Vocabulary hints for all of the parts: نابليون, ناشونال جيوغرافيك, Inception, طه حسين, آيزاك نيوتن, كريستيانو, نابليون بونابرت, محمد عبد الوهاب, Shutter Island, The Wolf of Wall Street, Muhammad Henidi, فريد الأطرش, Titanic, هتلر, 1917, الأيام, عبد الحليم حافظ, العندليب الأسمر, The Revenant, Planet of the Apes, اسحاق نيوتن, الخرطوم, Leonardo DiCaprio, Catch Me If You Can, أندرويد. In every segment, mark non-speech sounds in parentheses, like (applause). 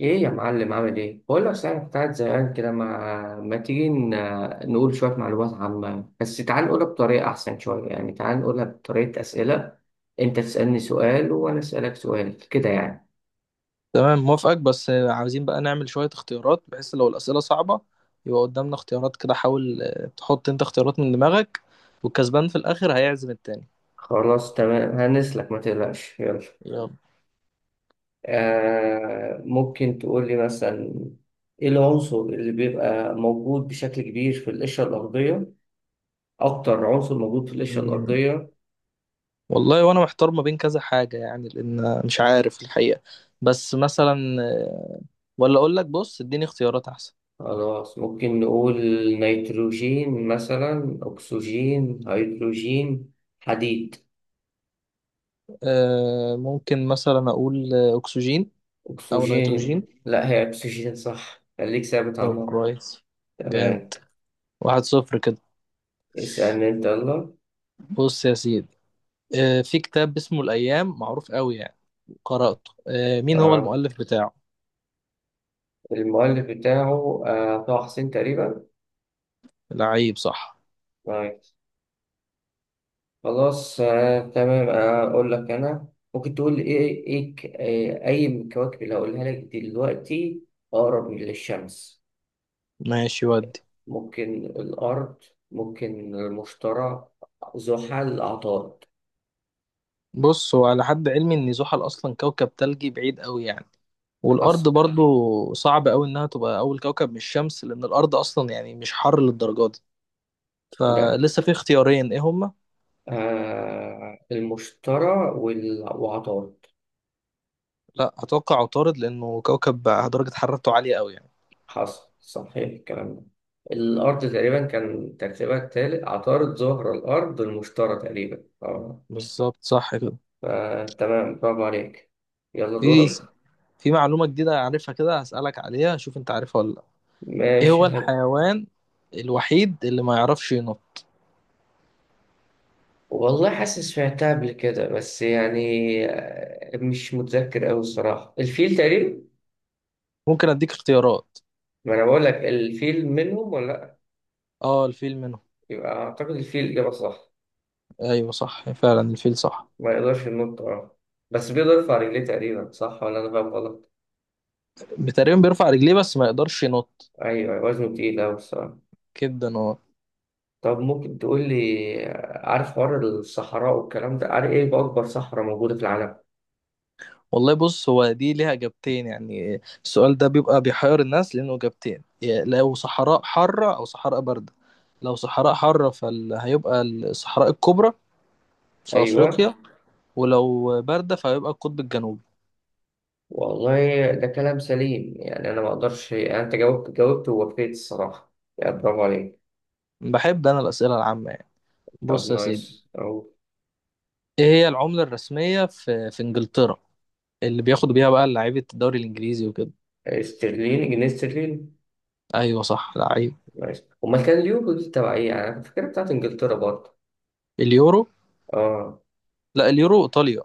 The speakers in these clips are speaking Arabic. ايه يا معلم عامل ايه؟ بقول لك صحيح، أنا كنت قاعد زهقان كده. ما تيجي نقول شوية معلومات عامة، بس تعال نقولها بطريقة أحسن شوية، يعني تعال نقولها بطريقة أسئلة. أنت تسألني سؤال وأنا أسألك سؤال كده يعني. تمام، موافقك. بس عاوزين بقى نعمل شوية اختيارات، بحيث لو الأسئلة صعبة يبقى قدامنا اختيارات كده. حاول تحط انت اختيارات من دماغك، والكسبان في الآخر هيعزم التاني. خلاص تمام، هنسلك ما تقلقش، يلا. يلا. آه، ممكن تقول لي مثلا ايه العنصر اللي بيبقى موجود بشكل كبير في القشرة الأرضية؟ أكتر عنصر موجود في القشرة مم، الأرضية. والله وانا محتار ما بين كذا حاجة يعني، لأن مش عارف الحقيقة. بس مثلا آه، ولا أقول لك: بص، اديني اختيارات أحسن. خلاص ممكن نقول نيتروجين مثلا، أكسجين، هيدروجين، حديد. ممكن مثلا أقول أكسجين، أو أكسجين، نيتروجين. لا هي أكسجين صح، خليك ثابت على طب النقطة. كويس. تمام، جامد. واحد صفر كده. اسألني أنت، يلا. بص يا سيدي، في كتاب اسمه الأيام معروف قوي يعني، قرأته. مين هو آه. المؤلف بتاعه؟ المؤلف بتاعه طه حسين تقريبا. لعيب صح. طيب، خلاص تمام. أقول لك أنا، ممكن تقول إيه أي من الكواكب اللي هقولها لك دلوقتي أقرب للشمس؟ ماشي ودي. ممكن الأرض، ممكن المشترى، زحل، عطارد. بص، هو على حد علمي ان زحل اصلا كوكب تلجي بعيد قوي يعني، والارض حصل. برضو صعب قوي انها تبقى اول كوكب من الشمس، لان الارض اصلا يعني مش حر للدرجه دي. ده فلسه في اختيارين، ايه هما؟ آه، المشترى وعطارد. لا، اتوقع عطارد لانه كوكب بقى درجه حرارته عاليه قوي يعني. حصل، صحيح الكلام ده. الأرض تقريبا كان ترتيبها التالت، عطارد، زهرة، الأرض، المشترى تقريبا، اه. بالظبط، صح كده. فتمام، برافو عليك. يلا في دورك. في معلومه جديده عارفها كده، هسألك عليها، شوف انت عارفها ولا لا. ايه ماشي هو حلو. الحيوان الوحيد اللي ما يعرفش ينط؟ والله حاسس سمعتها قبل كده، بس يعني مش متذكر أوي الصراحة، الفيل تقريبا. ممكن اديك اختيارات. ما انا بقول لك الفيل منهم ولا لا. اه، الفيل منه. يبقى اعتقد الفيل الاجابه صح. ايوه، صح فعلا الفيل صح. ما يقدرش ينط، اه. بس بيقدر يرفع رجليه تقريبا، صح ولا انا فاهم غلط؟ تقريبا بيرفع رجليه بس ما يقدرش ينط. ايوه وزنه تقيل قوي الصراحه. كده اه. طب ممكن تقول لي، عارف حوار الصحراء والكلام ده، عارف ايه اكبر صحراء موجوده في العالم؟ والله بص، هو دي ليها اجابتين يعني. السؤال ده بيبقى بيحير الناس لانه اجابتين: يا لو صحراء حارة او صحراء باردة. لو صحراء حارة فهيبقى الصحراء الكبرى في ايوه. افريقيا. ولو باردة فهيبقى القطب الجنوبي. والله ده كلام سليم يعني، انا ما اقدرش يعني، انت جاوبت ووفيت الصراحه يعني، برافو عليك. بحب انا الاسئلة العامة يعني. طب بص يا سيدي، نايس او. ايه هي العملة الرسمية في انجلترا؟ اللي بياخدوا بيها بقى لعيبة الدوري الانجليزي وكده. استرليني، جنيه استرليني. ايوه صح، لعيب. نايس، امال كان اليورو دي تبع ايه يعني؟ انا فاكرها بتاعت انجلترا برضه. اليورو؟ اه. لا، اليورو ايطاليا.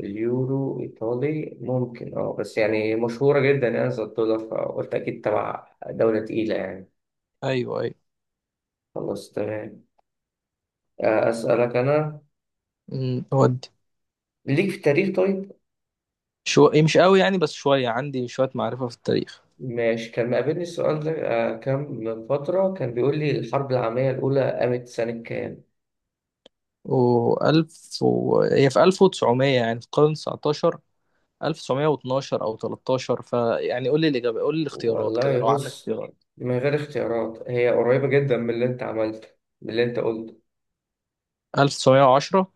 اليورو ايطالي ممكن، اه، بس يعني مشهورة جدا يعني، زي الدولار، فقلت اكيد تبع دولة تقيلة يعني. ايوه ايوه. خلاص تمام. اسألك انا، ودي. ليك في التاريخ طيب؟ إيه، مش قوي يعني، بس عندي شويه معرفه في التاريخ. ماشي. كان مقابلني السؤال ده كام من فترة، كان بيقول لي الحرب العالمية الأولى قامت سنة كام؟ هي في 1900 يعني في القرن 19، 1912 او 13، فيعني قول لي الاجابه، قول لي الاختيارات كده والله لو عندك بص، اختيارات. من غير اختيارات هي قريبة جدا من اللي انت عملته، من اللي انت قلته. 1910.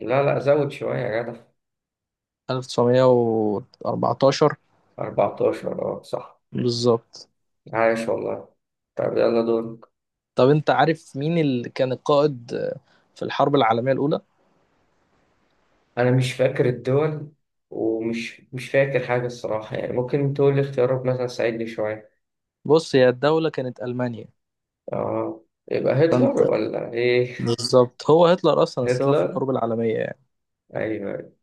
لا لا، زود شوية يا جدع. 1914. 14 اه، صح. بالظبط. عايش والله. طب يلا دور. طب انت عارف مين اللي كان القائد في الحرب العالميه الاولى؟ انا مش فاكر الدول، ومش مش فاكر حاجه الصراحه يعني، ممكن تقول لي اختيارات مثلا تساعدني شويه. بص هي الدوله كانت المانيا. اه، يبقى هتلر فانت ولا ايه؟ بالظبط، هو هتلر (laughs) اصلا السبب في هتلر. الحروب العالميه. ايوه.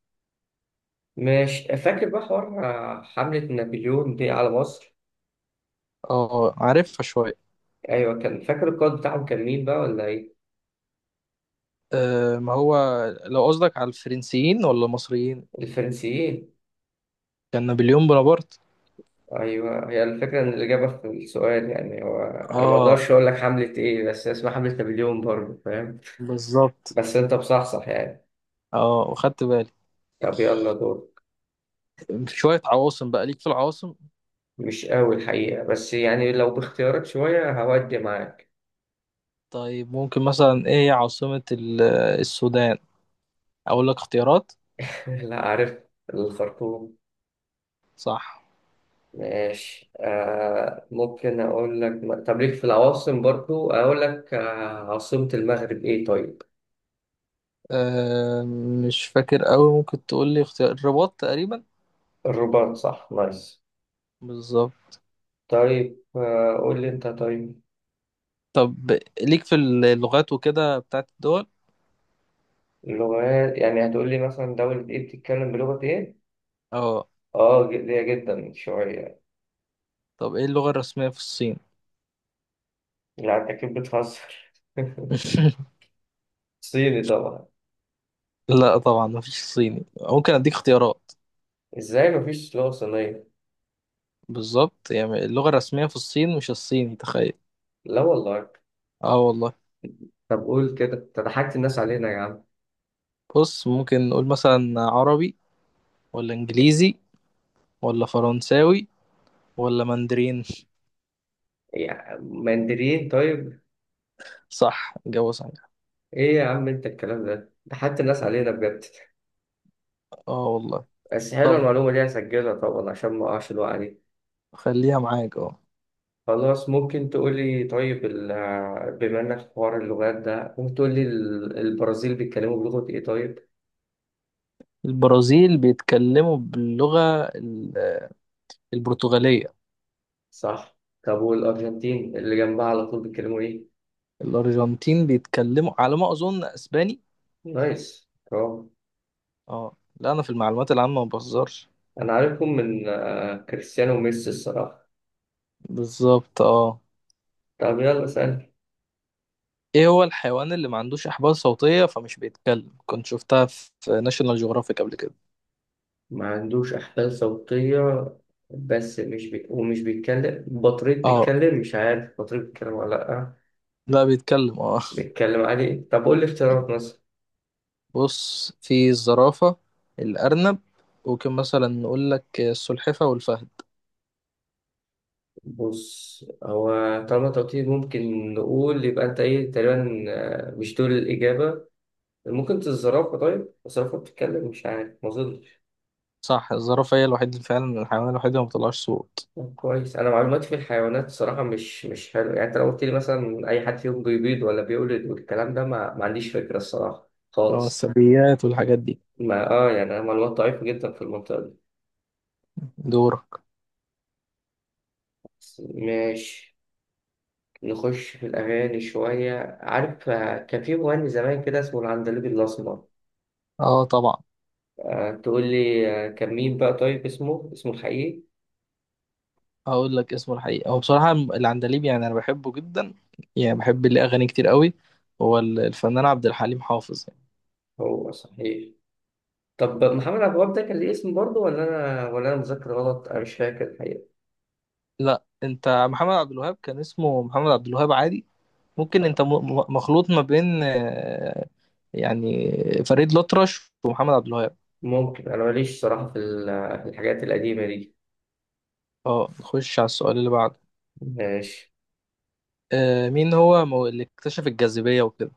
مش فاكر بقى حوار حمله نابليون دي على مصر. اه، عارفها شوية. ايوه، كان فاكر القائد بتاعهم كان مين بقى، ولا ايه؟ أه، ما هو، لو قصدك على الفرنسيين ولا المصريين؟ الفرنسيين. كان نابليون بونابرت. ايوه، هي الفكره ان الاجابه في السؤال يعني، هو انا ما اه، اقدرش اقول لك حمله ايه، بس هي اسمها حمله نابليون برضه، فاهم. بالظبط. بس انت بصحصح يعني. اه، وخدت بالي. طب يلا دور. شوية عواصم بقى، ليك في العواصم؟ مش قوي الحقيقة، بس يعني لو باختيارات شوية هودي معاك. طيب ممكن مثلا، ايه هي عاصمة السودان؟ اقول لك اختيارات. (laughs) لا عارف، الخرطوم. صح. ماشي، آه، ممكن أقول لك، طب ليك في العواصم برضو، أقول لك آه، عاصمة المغرب إيه طيب؟ أه، مش فاكر قوي، ممكن تقول لي اختيار. الرباط تقريبا. الرباط صح، نايس. بالظبط. طيب قول لي أنت طيب. طب ليك في اللغات وكده بتاعت الدول؟ لغات يعني هتقول لي مثلا دولة إيه بتتكلم بلغة إيه؟ اه. ليا جدا شوية. طب ايه اللغة الرسمية في الصين؟ لا أنت أكيد بتهزر. (laughs) (laughs) صيني طبعا. لا طبعا، مفيش الصيني، ممكن اديك اختيارات. إزاي مفيش لغة صينية؟ بالظبط، يعني اللغة الرسمية في الصين مش الصيني، تخيل. لا والله. اه والله. طب قول كده، انت ضحكت الناس علينا يا عم. بص ممكن نقول مثلا عربي ولا انجليزي ولا فرنساوي ولا ماندرين يا مندرين طيب. صح جوه صحيح ايه يا عم انت الكلام ده ضحكت الناس علينا بجد. اه والله بس حلوه طب المعلومه دي، هسجلها طبعا عشان ما اقعش الوقعه دي. خليها معاك اه. خلاص ممكن تقولي، طيب بما انك في حوار اللغات ده ممكن تقولي البرازيل بيتكلموا بلغة ايه طيب؟ البرازيل بيتكلموا باللغة ال- البرتغالية. صح. طب والارجنتين اللي جنبها على طول بيتكلموا ايه؟ الأرجنتين بيتكلموا على ما أظن أسباني. نايس، برافو. اه لا، أنا في المعلومات العامة ما بهزرش. انا عارفكم من كريستيانو وميسي الصراحه. بالظبط اه. طب يلا سأل. ايه هو الحيوان اللي ما عندوش احبال صوتية فمش بيتكلم؟ كنت شفتها في ناشونال جيوغرافيك قبل كده. ما عندوش أحبال صوتية، بس مش بي... ومش بيتكلم بطريق، اه بيتكلم مش عارف بطريق، بيتكلم ولا لأ؟ لا، بيتكلم اه. بيتكلم عادي. طب قول لي اختيارات مثلا. بص، في الزرافة، الارنب، ممكن مثلا نقول لك السلحفة والفهد. بص هو، طالما توتيل ممكن نقول، يبقى أنت إيه تقريبا، مش دول الإجابة. ممكن الزرافة. طيب الزرافة بتتكلم؟ مش عارف، ما أظنش. صح، الزرافة هي الوحيد فعلا، الحيوان الوحيد اللي ما بيطلعش صوت. طب كويس، أنا معلوماتي في الحيوانات صراحة مش حلو يعني. أنت لو قلت لي مثلا أي حد فيهم بيبيض ولا بيولد والكلام ده، ما عنديش فكرة الصراحة اه، خالص. الثدييات والحاجات دي. ما اه، يعني معلومات ضعيفة جدا في المنطقة دي. دورك. بس ماشي. نخش في الأغاني شوية، عارف كان في مغني زمان كده اسمه العندليب الأسمر. اه طبعا. تقول لي كان مين بقى طيب، اسمه الحقيقي؟ هقول لك اسمه الحقيقي، هو بصراحة العندليب يعني انا بحبه جدا يعني، بحب ليه اغاني كتير قوي. هو الفنان عبد الحليم حافظ. هو صحيح. طب محمد عبد الوهاب ده كان ليه اسم برضه، ولا أنا مذاكر غلط؟ أنا مش فاكر الحقيقة. لا انت، محمد عبد الوهاب كان اسمه محمد عبد الوهاب عادي. ممكن آه، انت مخلوط ما بين يعني فريد الأطرش ومحمد عبد الوهاب. ممكن أنا ماليش صراحة في في الحاجات القديمة دي. اه، نخش على السؤال اللي بعده. ماشي. مين هو اللي اكتشف الجاذبية وكده؟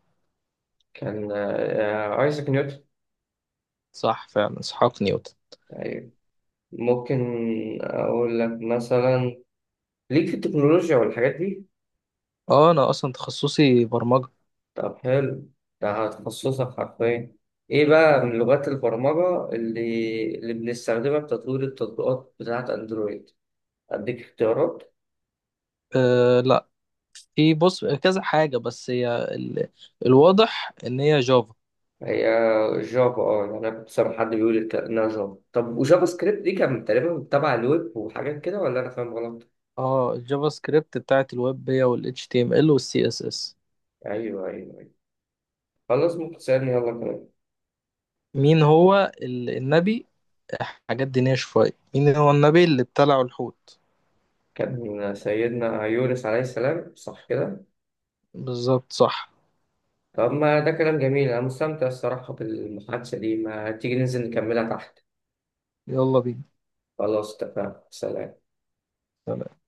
كان آيزاك نيوتن. صح، فعلا اسحاق نيوتن. أيوة. ممكن أقول لك مثلا، ليك في التكنولوجيا والحاجات دي؟ اه، انا اصلا تخصصي برمجة. طب حلو، ده هتخصصك حرفيا. ايه بقى من لغات البرمجة اللي بنستخدمها في تطوير التطبيقات بتاعة اندرويد؟ اديك اختيارات. أه لا. في بص كذا حاجة بس هي الواضح ان هي جافا. هي جافا، اه. يعني انا كنت سامع حد بيقول انها جافا. طب وجافا سكريبت دي كان تقريبا تبع الويب وحاجات كده، ولا انا فاهم غلط؟ اه، الجافا سكريبت بتاعت الويب هي وال HTML وال CSS. ايوه، ايوه، أيوة. خلاص ممكن تسألني يلا كمان. مين هو النبي، حاجات دينية شوية، مين هو النبي اللي ابتلعه الحوت؟ كان سيدنا يونس عليه السلام، صح كده. بالظبط صح. طب ما ده كلام جميل، أنا مستمتع الصراحة بالمحادثة دي، ما تيجي ننزل نكملها تحت. يلا خلاص اتفقنا، سلام. بينا.